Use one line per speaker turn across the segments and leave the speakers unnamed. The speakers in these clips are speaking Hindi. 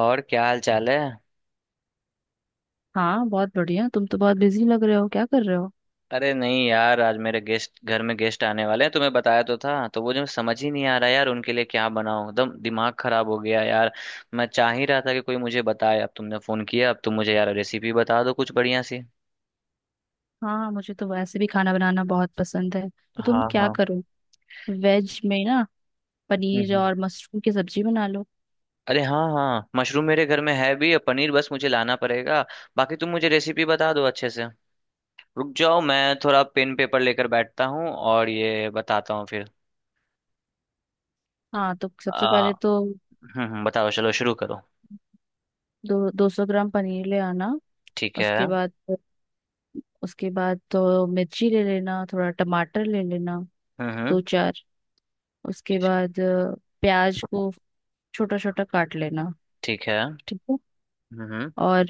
और क्या हाल चाल है।
हाँ बहुत बढ़िया। तुम तो बहुत बिजी लग रहे हो, क्या कर रहे हो?
अरे नहीं यार, आज मेरे गेस्ट, घर में गेस्ट आने वाले हैं, तुम्हें बताया तो था। तो वो जो समझ ही नहीं आ रहा यार उनके लिए क्या बनाऊं, एकदम दिमाग खराब हो गया यार। मैं चाह ही रहा था कि कोई मुझे बताए, अब तुमने फोन किया, अब तुम मुझे यार रेसिपी बता दो कुछ बढ़िया सी।
हाँ, मुझे तो वैसे भी खाना बनाना बहुत पसंद है, तो तुम
हाँ
क्या
हाँ।
करो, वेज में ना।
हम्म
पनीर
हम्म।
और मशरूम की सब्जी बना लो।
अरे हाँ हाँ, मशरूम मेरे घर में है भी और पनीर बस मुझे लाना पड़ेगा। बाकी तुम मुझे रेसिपी बता दो अच्छे से। रुक जाओ, मैं थोड़ा पेन पेपर लेकर बैठता हूँ और ये बताता हूँ फिर।
हाँ तो सबसे
आ,
पहले तो
बताओ चलो शुरू करो।
दो दो सौ ग्राम पनीर ले आना।
ठीक है।
उसके बाद तो मिर्ची ले लेना, थोड़ा टमाटर ले लेना,
हम्म।
दो चार। उसके बाद प्याज को छोटा छोटा काट लेना,
ठीक है।
ठीक है।
हम्म।
और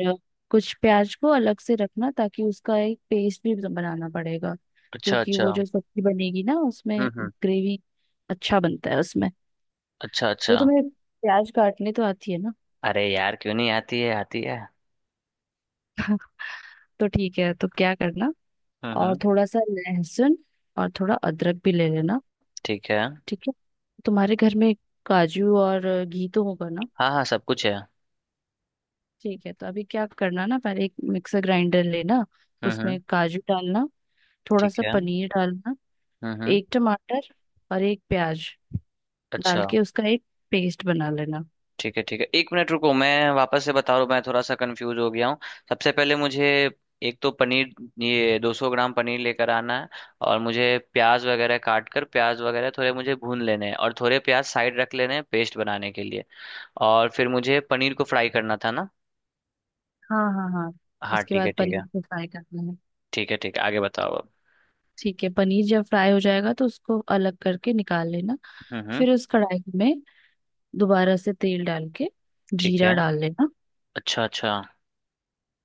कुछ प्याज को अलग से रखना, ताकि उसका एक पेस्ट भी बनाना पड़ेगा।
अच्छा
क्योंकि
अच्छा।
वो जो सब्जी बनेगी ना, उसमें
हम्म।
ग्रेवी अच्छा बनता है उसमें।
अच्छा
तो
अच्छा।
तुम्हें प्याज काटने तो आती है ना?
अरे यार क्यों नहीं आती है, आती है।
तो ठीक है, तो क्या करना, और
हम्म।
थोड़ा सा लहसुन और थोड़ा अदरक भी ले लेना।
ठीक है।
ठीक है। तुम्हारे घर में काजू और घी तो होगा ना?
हाँ हाँ सब कुछ है।
ठीक है, तो अभी क्या करना ना, पहले एक मिक्सर ग्राइंडर लेना।
हम्म।
उसमें काजू डालना, थोड़ा
ठीक
सा
है।
पनीर डालना,
हम्म।
एक टमाटर और एक प्याज
अच्छा।
डाल के उसका एक पेस्ट बना लेना।
ठीक है ठीक है, एक मिनट रुको, मैं वापस से बता रहा हूँ, मैं थोड़ा सा कंफ्यूज हो गया हूँ। सबसे पहले मुझे एक तो पनीर, ये 200 ग्राम पनीर लेकर आना है। और मुझे प्याज वगैरह काट कर, प्याज वगैरह थोड़े मुझे भून लेने हैं और थोड़े प्याज साइड रख लेने हैं पेस्ट बनाने के लिए। और फिर मुझे पनीर को फ्राई करना था ना?
हाँ हाँ हाँ।
हाँ
उसके
ठीक है
बाद
ठीक है।
पनीर को फ्राई करना है।
ठीक है ठीक है, आगे बताओ अब।
ठीक है, पनीर जब फ्राई हो जाएगा तो उसको अलग करके निकाल लेना।
हम्म।
फिर उस कढ़ाई में दोबारा से तेल डाल के
ठीक
जीरा
है।
डाल लेना।
अच्छा अच्छा।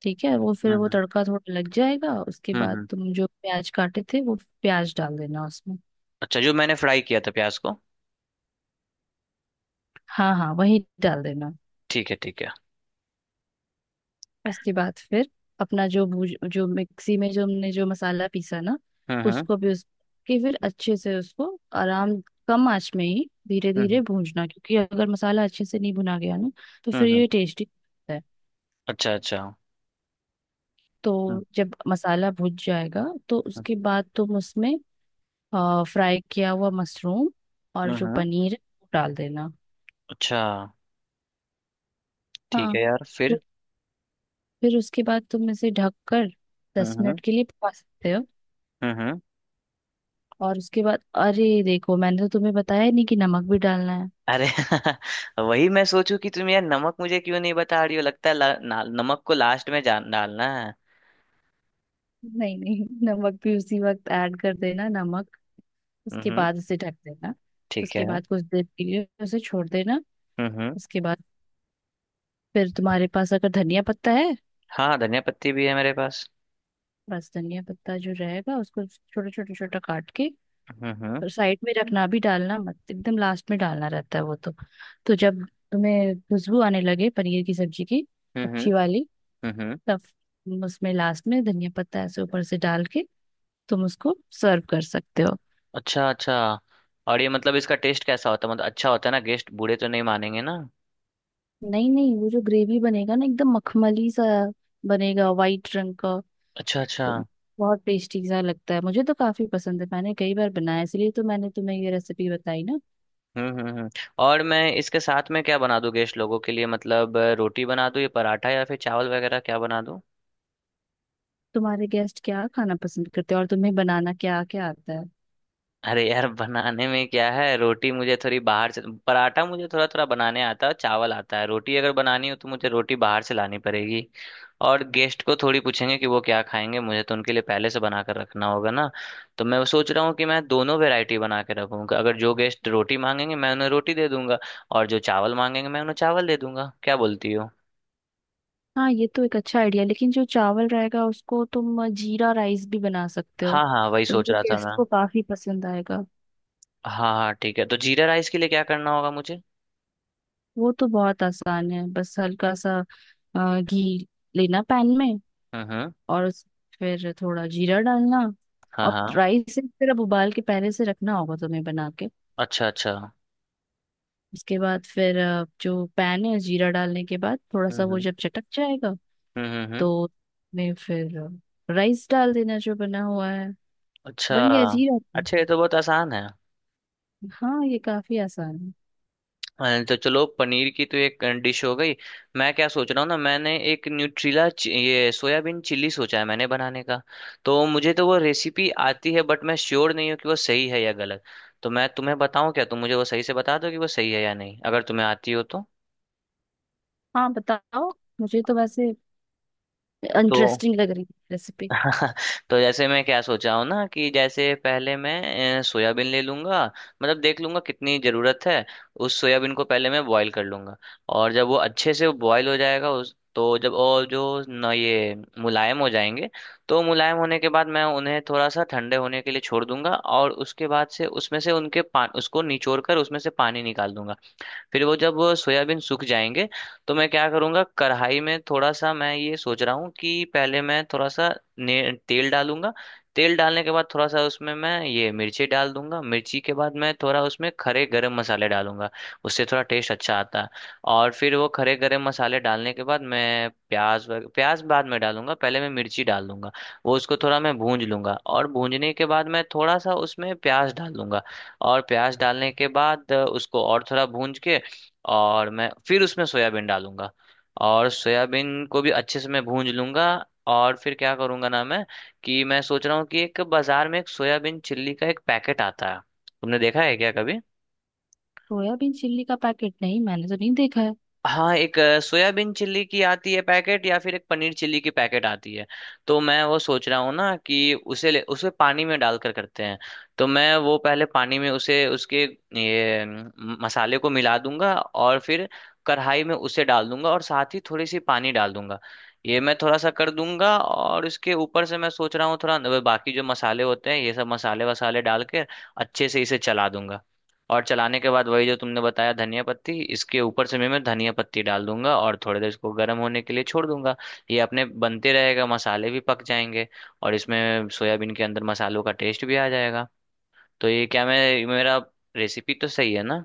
ठीक है, वो फिर वो
हम्म।
तड़का थोड़ा लग जाएगा, उसके
हम्म
बाद
हम्म।
तुम जो प्याज काटे थे वो प्याज डाल देना उसमें।
अच्छा, जो मैंने फ्राई किया था प्याज को?
हाँ हाँ, वही डाल देना।
ठीक है ठीक है।
उसके बाद फिर अपना जो भूज जो मिक्सी में जो हमने जो मसाला पीसा ना,
हम्म।
उसको भी उसके फिर अच्छे से उसको आराम, कम आंच में ही धीरे
हम्म
धीरे भूनना। क्योंकि अगर मसाला अच्छे से नहीं भुना गया ना, तो
हम्म।
फिर
हम्म।
ये टेस्टी है।
अच्छा अच्छा।
तो जब मसाला भुन जाएगा तो
हम्म।
उसके बाद तुम उसमें फ्राई किया हुआ मशरूम और
हम्म,
जो
हम्म।
पनीर है वो डाल देना।
अच्छा। ठीक
हाँ,
है यार
फिर
फिर।
फिर उसके बाद तुम इसे ढक कर दस
हम्म।
मिनट के लिए पका सकते हो।
हम्म हम्म।
और उसके बाद अरे देखो, मैंने तो तुम्हें बताया ही नहीं कि नमक भी डालना है।
अरे वही मैं सोचूं कि तुम यार नमक मुझे क्यों नहीं बता रही हो, लगता है नमक को लास्ट में जान डालना है।
नहीं नहीं, नमक भी उसी वक्त ऐड कर देना, नमक। उसके
हम्म।
बाद उसे ढक देना।
ठीक
उसके
है।
बाद कुछ देर के लिए उसे छोड़ देना।
हम्म।
उसके बाद फिर तुम्हारे पास अगर धनिया पत्ता है,
हाँ धनिया पत्ती भी है मेरे पास।
बस धनिया पत्ता जो रहेगा उसको छोटा छोटा छोटा काट के
हम्म।
और साइड में रखना, भी डालना मत, एकदम लास्ट में डालना रहता है वो तो। तो जब तुम्हें खुशबू आने लगे पनीर की सब्जी की
हम्म हम्म।
अच्छी वाली,
हम्म।
तब उसमें लास्ट में धनिया पत्ता ऐसे ऊपर से डाल के तुम उसको सर्व कर सकते हो।
अच्छा अच्छा। और ये मतलब इसका टेस्ट कैसा होता है, मतलब अच्छा होता है ना? गेस्ट बूढ़े तो नहीं मानेंगे ना?
नहीं नहीं, वो जो ग्रेवी बनेगा ना एकदम मखमली सा बनेगा, वाइट रंग का।
अच्छा अच्छा।
तो बहुत टेस्टी सा लगता है, मुझे तो काफी पसंद है, मैंने कई बार बनाया, इसलिए तो मैंने तुम्हें ये रेसिपी बताई ना।
हम्म। और मैं इसके साथ में क्या बना दूं गेस्ट लोगों के लिए? मतलब रोटी बना दूं या पराठा या फिर चावल वगैरह क्या बना?
तुम्हारे गेस्ट क्या खाना पसंद करते हैं और तुम्हें बनाना क्या क्या आता है?
अरे यार बनाने में क्या है, रोटी मुझे थोड़ी बाहर से। पराठा मुझे थोड़ा थोड़ा बनाने आता है, चावल आता है, रोटी अगर बनानी हो तो मुझे रोटी बाहर से लानी पड़ेगी। और गेस्ट को थोड़ी पूछेंगे कि वो क्या खाएंगे, मुझे तो उनके लिए पहले से बना कर रखना होगा ना। तो मैं सोच रहा हूँ कि मैं दोनों वैरायटी बना के रखूंगा, अगर जो गेस्ट रोटी मांगेंगे मैं उन्हें रोटी दे दूंगा, और जो चावल मांगेंगे मैं उन्हें चावल दे दूंगा, क्या बोलती हो?
हाँ ये तो एक अच्छा आइडिया, लेकिन जो चावल रहेगा उसको तुम जीरा राइस भी बना सकते हो।
हाँ हाँ वही
तो
सोच
वो
रहा था
गेस्ट
मैं।
को काफी पसंद आएगा।
हाँ हाँ ठीक है, तो जीरा राइस के लिए क्या करना होगा मुझे?
वो तो बहुत आसान है, बस हल्का सा घी लेना पैन में।
हम्म।
और फिर थोड़ा जीरा डालना।
हाँ
और
हाँ।
राइस फिर अब उबाल के पहले से रखना होगा तुम्हें बना के।
अच्छा अच्छा।
उसके बाद फिर जो पैन है जीरा डालने के बाद थोड़ा सा वो
हम्म।
जब चटक जाएगा,
हम्म हम्म हम्म।
तो उसमें फिर राइस डाल देना जो बना हुआ है।
अच्छा।
बन गया जीरा तो।
अच्छा ये तो बहुत आसान है।
हाँ ये काफी आसान है।
तो चलो पनीर की तो एक डिश हो गई। मैं क्या सोच रहा हूँ ना, मैंने एक न्यूट्रीला ये सोयाबीन चिल्ली सोचा है मैंने बनाने का। तो मुझे तो वो रेसिपी आती है बट मैं श्योर नहीं हूँ कि वो सही है या गलत। तो मैं तुम्हें बताऊँ क्या, तुम मुझे वो सही से बता दो कि वो सही है या नहीं, अगर तुम्हें आती हो तो।
हाँ बताओ, मुझे तो वैसे
तो
इंटरेस्टिंग लग रही है रेसिपी।
तो जैसे मैं क्या सोचा हूँ ना कि जैसे पहले मैं सोयाबीन ले लूंगा, मतलब देख लूंगा कितनी ज़रूरत है। उस सोयाबीन को पहले मैं बॉईल कर लूंगा, और जब वो अच्छे से बॉईल हो जाएगा उस तो जब और जो न ये मुलायम हो जाएंगे। तो मुलायम होने के बाद मैं उन्हें थोड़ा सा ठंडे होने के लिए छोड़ दूंगा और उसके बाद से उसमें से उनके पा उसको निचोड़ कर उसमें से पानी निकाल दूंगा। फिर वो जब सोयाबीन सूख जाएंगे तो मैं क्या करूँगा, कढ़ाई में थोड़ा सा, मैं ये सोच रहा हूँ कि पहले मैं थोड़ा सा ने तेल डालूंगा। तेल डालने के बाद थोड़ा सा उसमें मैं ये मिर्ची डाल दूंगा, मिर्ची के बाद मैं थोड़ा उसमें खड़े गरम मसाले डालूंगा, उससे थोड़ा टेस्ट अच्छा आता है। और फिर वो खड़े गरम मसाले डालने के बाद मैं प्याज बाद में डालूंगा, पहले मैं मिर्ची डाल दूंगा। वो उसको थोड़ा मैं भूंज लूंगा और भूंजने के बाद मैं थोड़ा सा उसमें प्याज डाल दूंगा। और प्याज डालने के बाद उसको और थोड़ा भूंज के, और मैं फिर उसमें सोयाबीन डालूंगा। और सोयाबीन को भी अच्छे से मैं भूंज लूंगा। और फिर क्या करूंगा ना मैं, कि मैं सोच रहा हूँ कि एक बाजार में एक सोयाबीन चिल्ली का एक पैकेट आता है, तुमने देखा है क्या कभी?
सोयाबीन चिल्ली का पैकेट नहीं, मैंने तो नहीं देखा है।
हाँ एक सोयाबीन चिल्ली की आती है पैकेट या फिर एक पनीर चिल्ली की पैकेट आती है। तो मैं वो सोच रहा हूँ ना कि उसे ले, उसे पानी में डालकर करते हैं। तो मैं वो पहले पानी में उसे उसके ये मसाले को मिला दूंगा और फिर कढ़ाई में उसे डाल दूंगा और साथ ही थोड़ी सी पानी डाल दूंगा। ये मैं थोड़ा सा कर दूंगा और इसके ऊपर से मैं सोच रहा हूँ थोड़ा बाकी जो मसाले होते हैं ये सब मसाले वसाले डाल के अच्छे से इसे चला दूंगा। और चलाने के बाद वही जो तुमने बताया धनिया पत्ती, इसके ऊपर से भी मैं धनिया पत्ती डाल दूंगा और थोड़ी देर इसको गर्म होने के लिए छोड़ दूंगा। ये अपने बनते रहेगा, मसाले भी पक जाएंगे, और इसमें सोयाबीन के अंदर मसालों का टेस्ट भी आ जाएगा। तो ये क्या मैं मेरा रेसिपी तो सही है ना?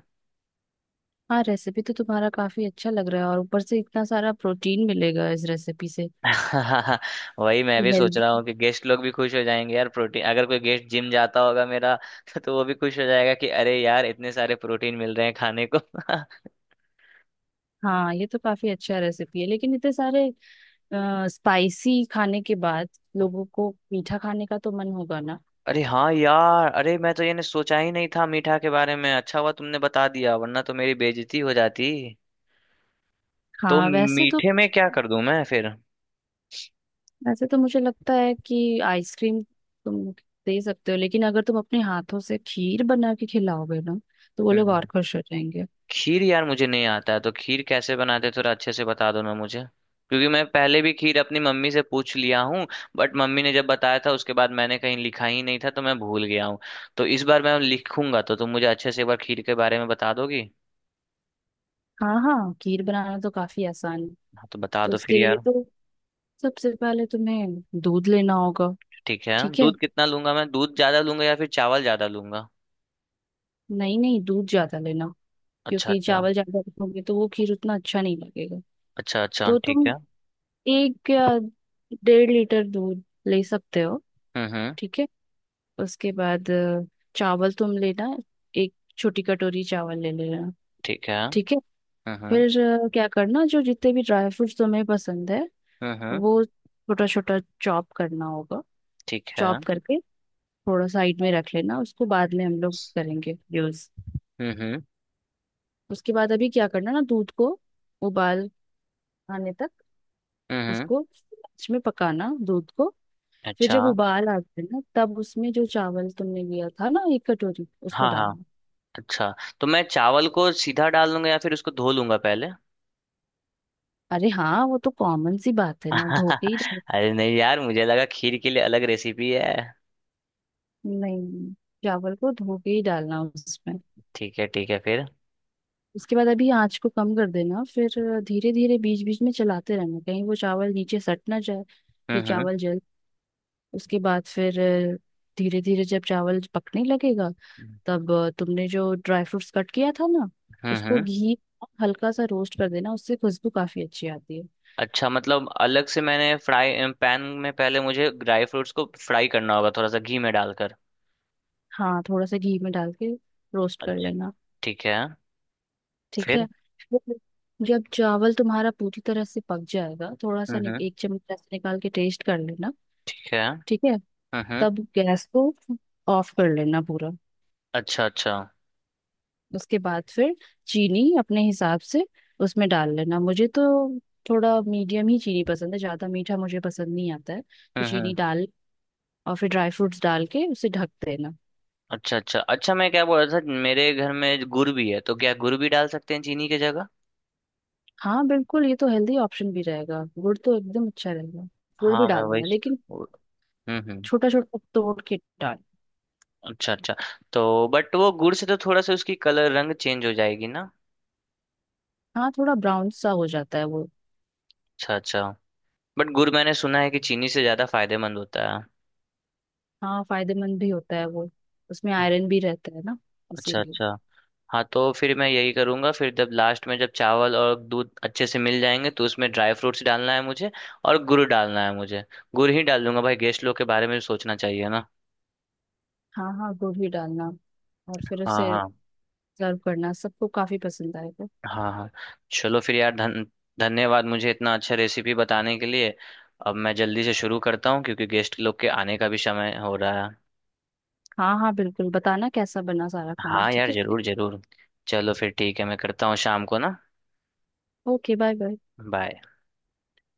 हाँ रेसिपी तो तुम्हारा काफी अच्छा लग रहा है, और ऊपर से इतना सारा प्रोटीन मिलेगा इस रेसिपी से।
वही मैं
ये
भी सोच रहा
हेल्दी।
हूँ कि गेस्ट लोग भी खुश हो जाएंगे यार, प्रोटीन, अगर कोई गेस्ट जिम जाता होगा मेरा तो वो भी खुश हो जाएगा कि अरे यार इतने सारे प्रोटीन मिल रहे हैं खाने को।
हाँ ये तो काफी अच्छा रेसिपी है, लेकिन इतने सारे स्पाइसी खाने के बाद लोगों को मीठा खाने का तो मन होगा ना।
अरे हाँ यार, अरे मैं तो ये ने सोचा ही नहीं था मीठा के बारे में, अच्छा हुआ तुमने बता दिया, वरना तो मेरी बेइज्जती हो जाती। तो
हाँ, वैसे तो
मीठे में क्या कर दूं मैं फिर? हम्म।
वैसे तो मुझे लगता है कि आइसक्रीम तुम दे सकते हो, लेकिन अगर तुम अपने हाथों से खीर बना के खिलाओगे ना, तो वो लोग और
हम्म।
खुश हो जाएंगे।
खीर यार मुझे नहीं आता है, तो खीर कैसे बनाते थोड़ा अच्छे से बता दो ना मुझे। क्योंकि मैं पहले भी खीर अपनी मम्मी से पूछ लिया हूँ, बट मम्मी ने जब बताया था उसके बाद मैंने कहीं लिखा ही नहीं था तो मैं भूल गया हूँ। तो इस बार मैं लिखूंगा, तो तुम मुझे अच्छे से एक बार खीर के बारे में बता दोगी।
हाँ हाँ, खीर बनाना तो काफी आसान है।
हाँ तो बता
तो
दो फिर
उसके लिए
यार।
तो सबसे पहले तुम्हें दूध लेना होगा।
ठीक है,
ठीक है,
दूध कितना लूंगा मैं? दूध ज्यादा लूंगा या फिर चावल ज्यादा लूंगा?
नहीं नहीं, दूध ज्यादा लेना,
अच्छा
क्योंकि
अच्छा।
चावल ज्यादा रखोगे तो वो खीर उतना अच्छा नहीं लगेगा।
अच्छा अच्छा
तो
ठीक
तुम
है।
एक या 1.5 लीटर दूध ले सकते हो।
हम्म।
ठीक है। उसके बाद चावल तुम लेना, एक छोटी कटोरी चावल ले लेना।
ठीक है।
ठीक है।
हम्म।
फिर क्या करना, जो जितने भी ड्राई फ्रूट्स तुम्हें पसंद है
हम्म हम्म,
वो छोटा छोटा चॉप करना होगा।
ठीक है।
चॉप
हम्म।
करके थोड़ा साइड में रख लेना, उसको बाद में हम लोग करेंगे यूज।
हम्म
उसके बाद अभी क्या करना ना, दूध को उबाल आने तक,
हम्म। हम्म
उसको लास्ट में पकाना दूध को। फिर
अच्छा।
जब उबाल आ जाए ना, तब उसमें जो चावल तुमने लिया था ना एक कटोरी, उसको
हाँ हाँ।
डालना।
अच्छा, तो मैं चावल को सीधा डाल दूंगा या फिर उसको धो लूंगा पहले?
अरे हाँ, वो तो कॉमन सी बात है ना, धो के ही डाल।
अरे नहीं यार, मुझे लगा खीर के लिए अलग रेसिपी है।
नहीं, चावल को धो के ही डालना उसमें।
ठीक है ठीक है फिर।
उसके बाद अभी आंच को कम कर देना। फिर धीरे धीरे बीच बीच में चलाते रहना, कहीं वो चावल नीचे सट ना जाए। फिर
हम्म।
चावल जल उसके बाद फिर धीरे धीरे जब चावल पकने लगेगा, तब तुमने जो ड्राई फ्रूट्स कट किया था ना उसको
हम्म।
घी में हल्का सा रोस्ट कर देना, उससे खुशबू काफी अच्छी आती है।
अच्छा, मतलब अलग से मैंने फ्राई पैन में पहले मुझे ड्राई फ्रूट्स को फ्राई करना होगा थोड़ा सा घी में डालकर?
हाँ थोड़ा सा घी में डाल के रोस्ट कर
अच्छा।
लेना।
ठीक है।
ठीक है।
फिर।
फिर जब चावल तुम्हारा पूरी तरह से पक जाएगा, थोड़ा सा
हम्म।
एक चम्मच ऐसे निकाल के टेस्ट कर लेना।
ठीक है। हम्म।
ठीक है।
हम्म।
तब गैस को ऑफ कर लेना पूरा।
अच्छा अच्छा।
उसके बाद फिर चीनी अपने हिसाब से उसमें डाल लेना। मुझे तो थोड़ा मीडियम ही चीनी पसंद है, ज्यादा मीठा मुझे पसंद नहीं आता है, तो चीनी
हम्म।
डाल, और फिर ड्राई फ्रूट्स डाल के उसे ढक देना।
अच्छा अच्छा अच्छा, मैं क्या बोल रहा था, मेरे घर में गुड़ भी है, तो क्या गुड़ भी डाल सकते हैं चीनी की जगह?
हाँ बिल्कुल, ये तो हेल्दी ऑप्शन भी रहेगा, गुड़ तो एकदम अच्छा रहेगा। गुड़ भी
हाँ मैं
डाल
वही
देना, लेकिन
वो- हम्म।
छोटा छोटा तोड़ के डाल।
अच्छा अच्छा। तो बट वो गुड़ से तो थोड़ा सा उसकी कलर रंग चेंज हो जाएगी ना?
हाँ थोड़ा ब्राउन सा हो जाता है वो।
अच्छा अच्छा। बट गुड़ मैंने सुना है कि चीनी से ज्यादा फायदेमंद होता है।
हाँ फायदेमंद भी होता है वो, उसमें आयरन भी रहता है ना,
अच्छा
इसीलिए।
अच्छा। हाँ तो फिर मैं यही करूंगा, फिर जब लास्ट में जब चावल और दूध अच्छे से मिल जाएंगे तो उसमें ड्राई फ्रूट्स डालना है मुझे और गुड़ डालना है मुझे। गुड़ ही डाल दूंगा भाई, गेस्ट लोग के बारे में भी सोचना चाहिए ना।
हाँ हाँ, गुड़ भी डालना, और फिर
हाँ
उसे
हाँ।
सर्व करना, सबको काफी पसंद आएगा।
हाँ हाँ। चलो फिर यार, धन धन्यवाद मुझे इतना अच्छा रेसिपी बताने के लिए। अब मैं जल्दी से शुरू करता हूँ क्योंकि गेस्ट लोग के आने का भी समय हो रहा है।
हाँ हाँ बिल्कुल, बताना कैसा बना सारा खाना,
हाँ
ठीक
यार
है?
जरूर जरूर। चलो फिर ठीक है, मैं करता हूँ शाम को ना।
Okay bye bye.
बाय।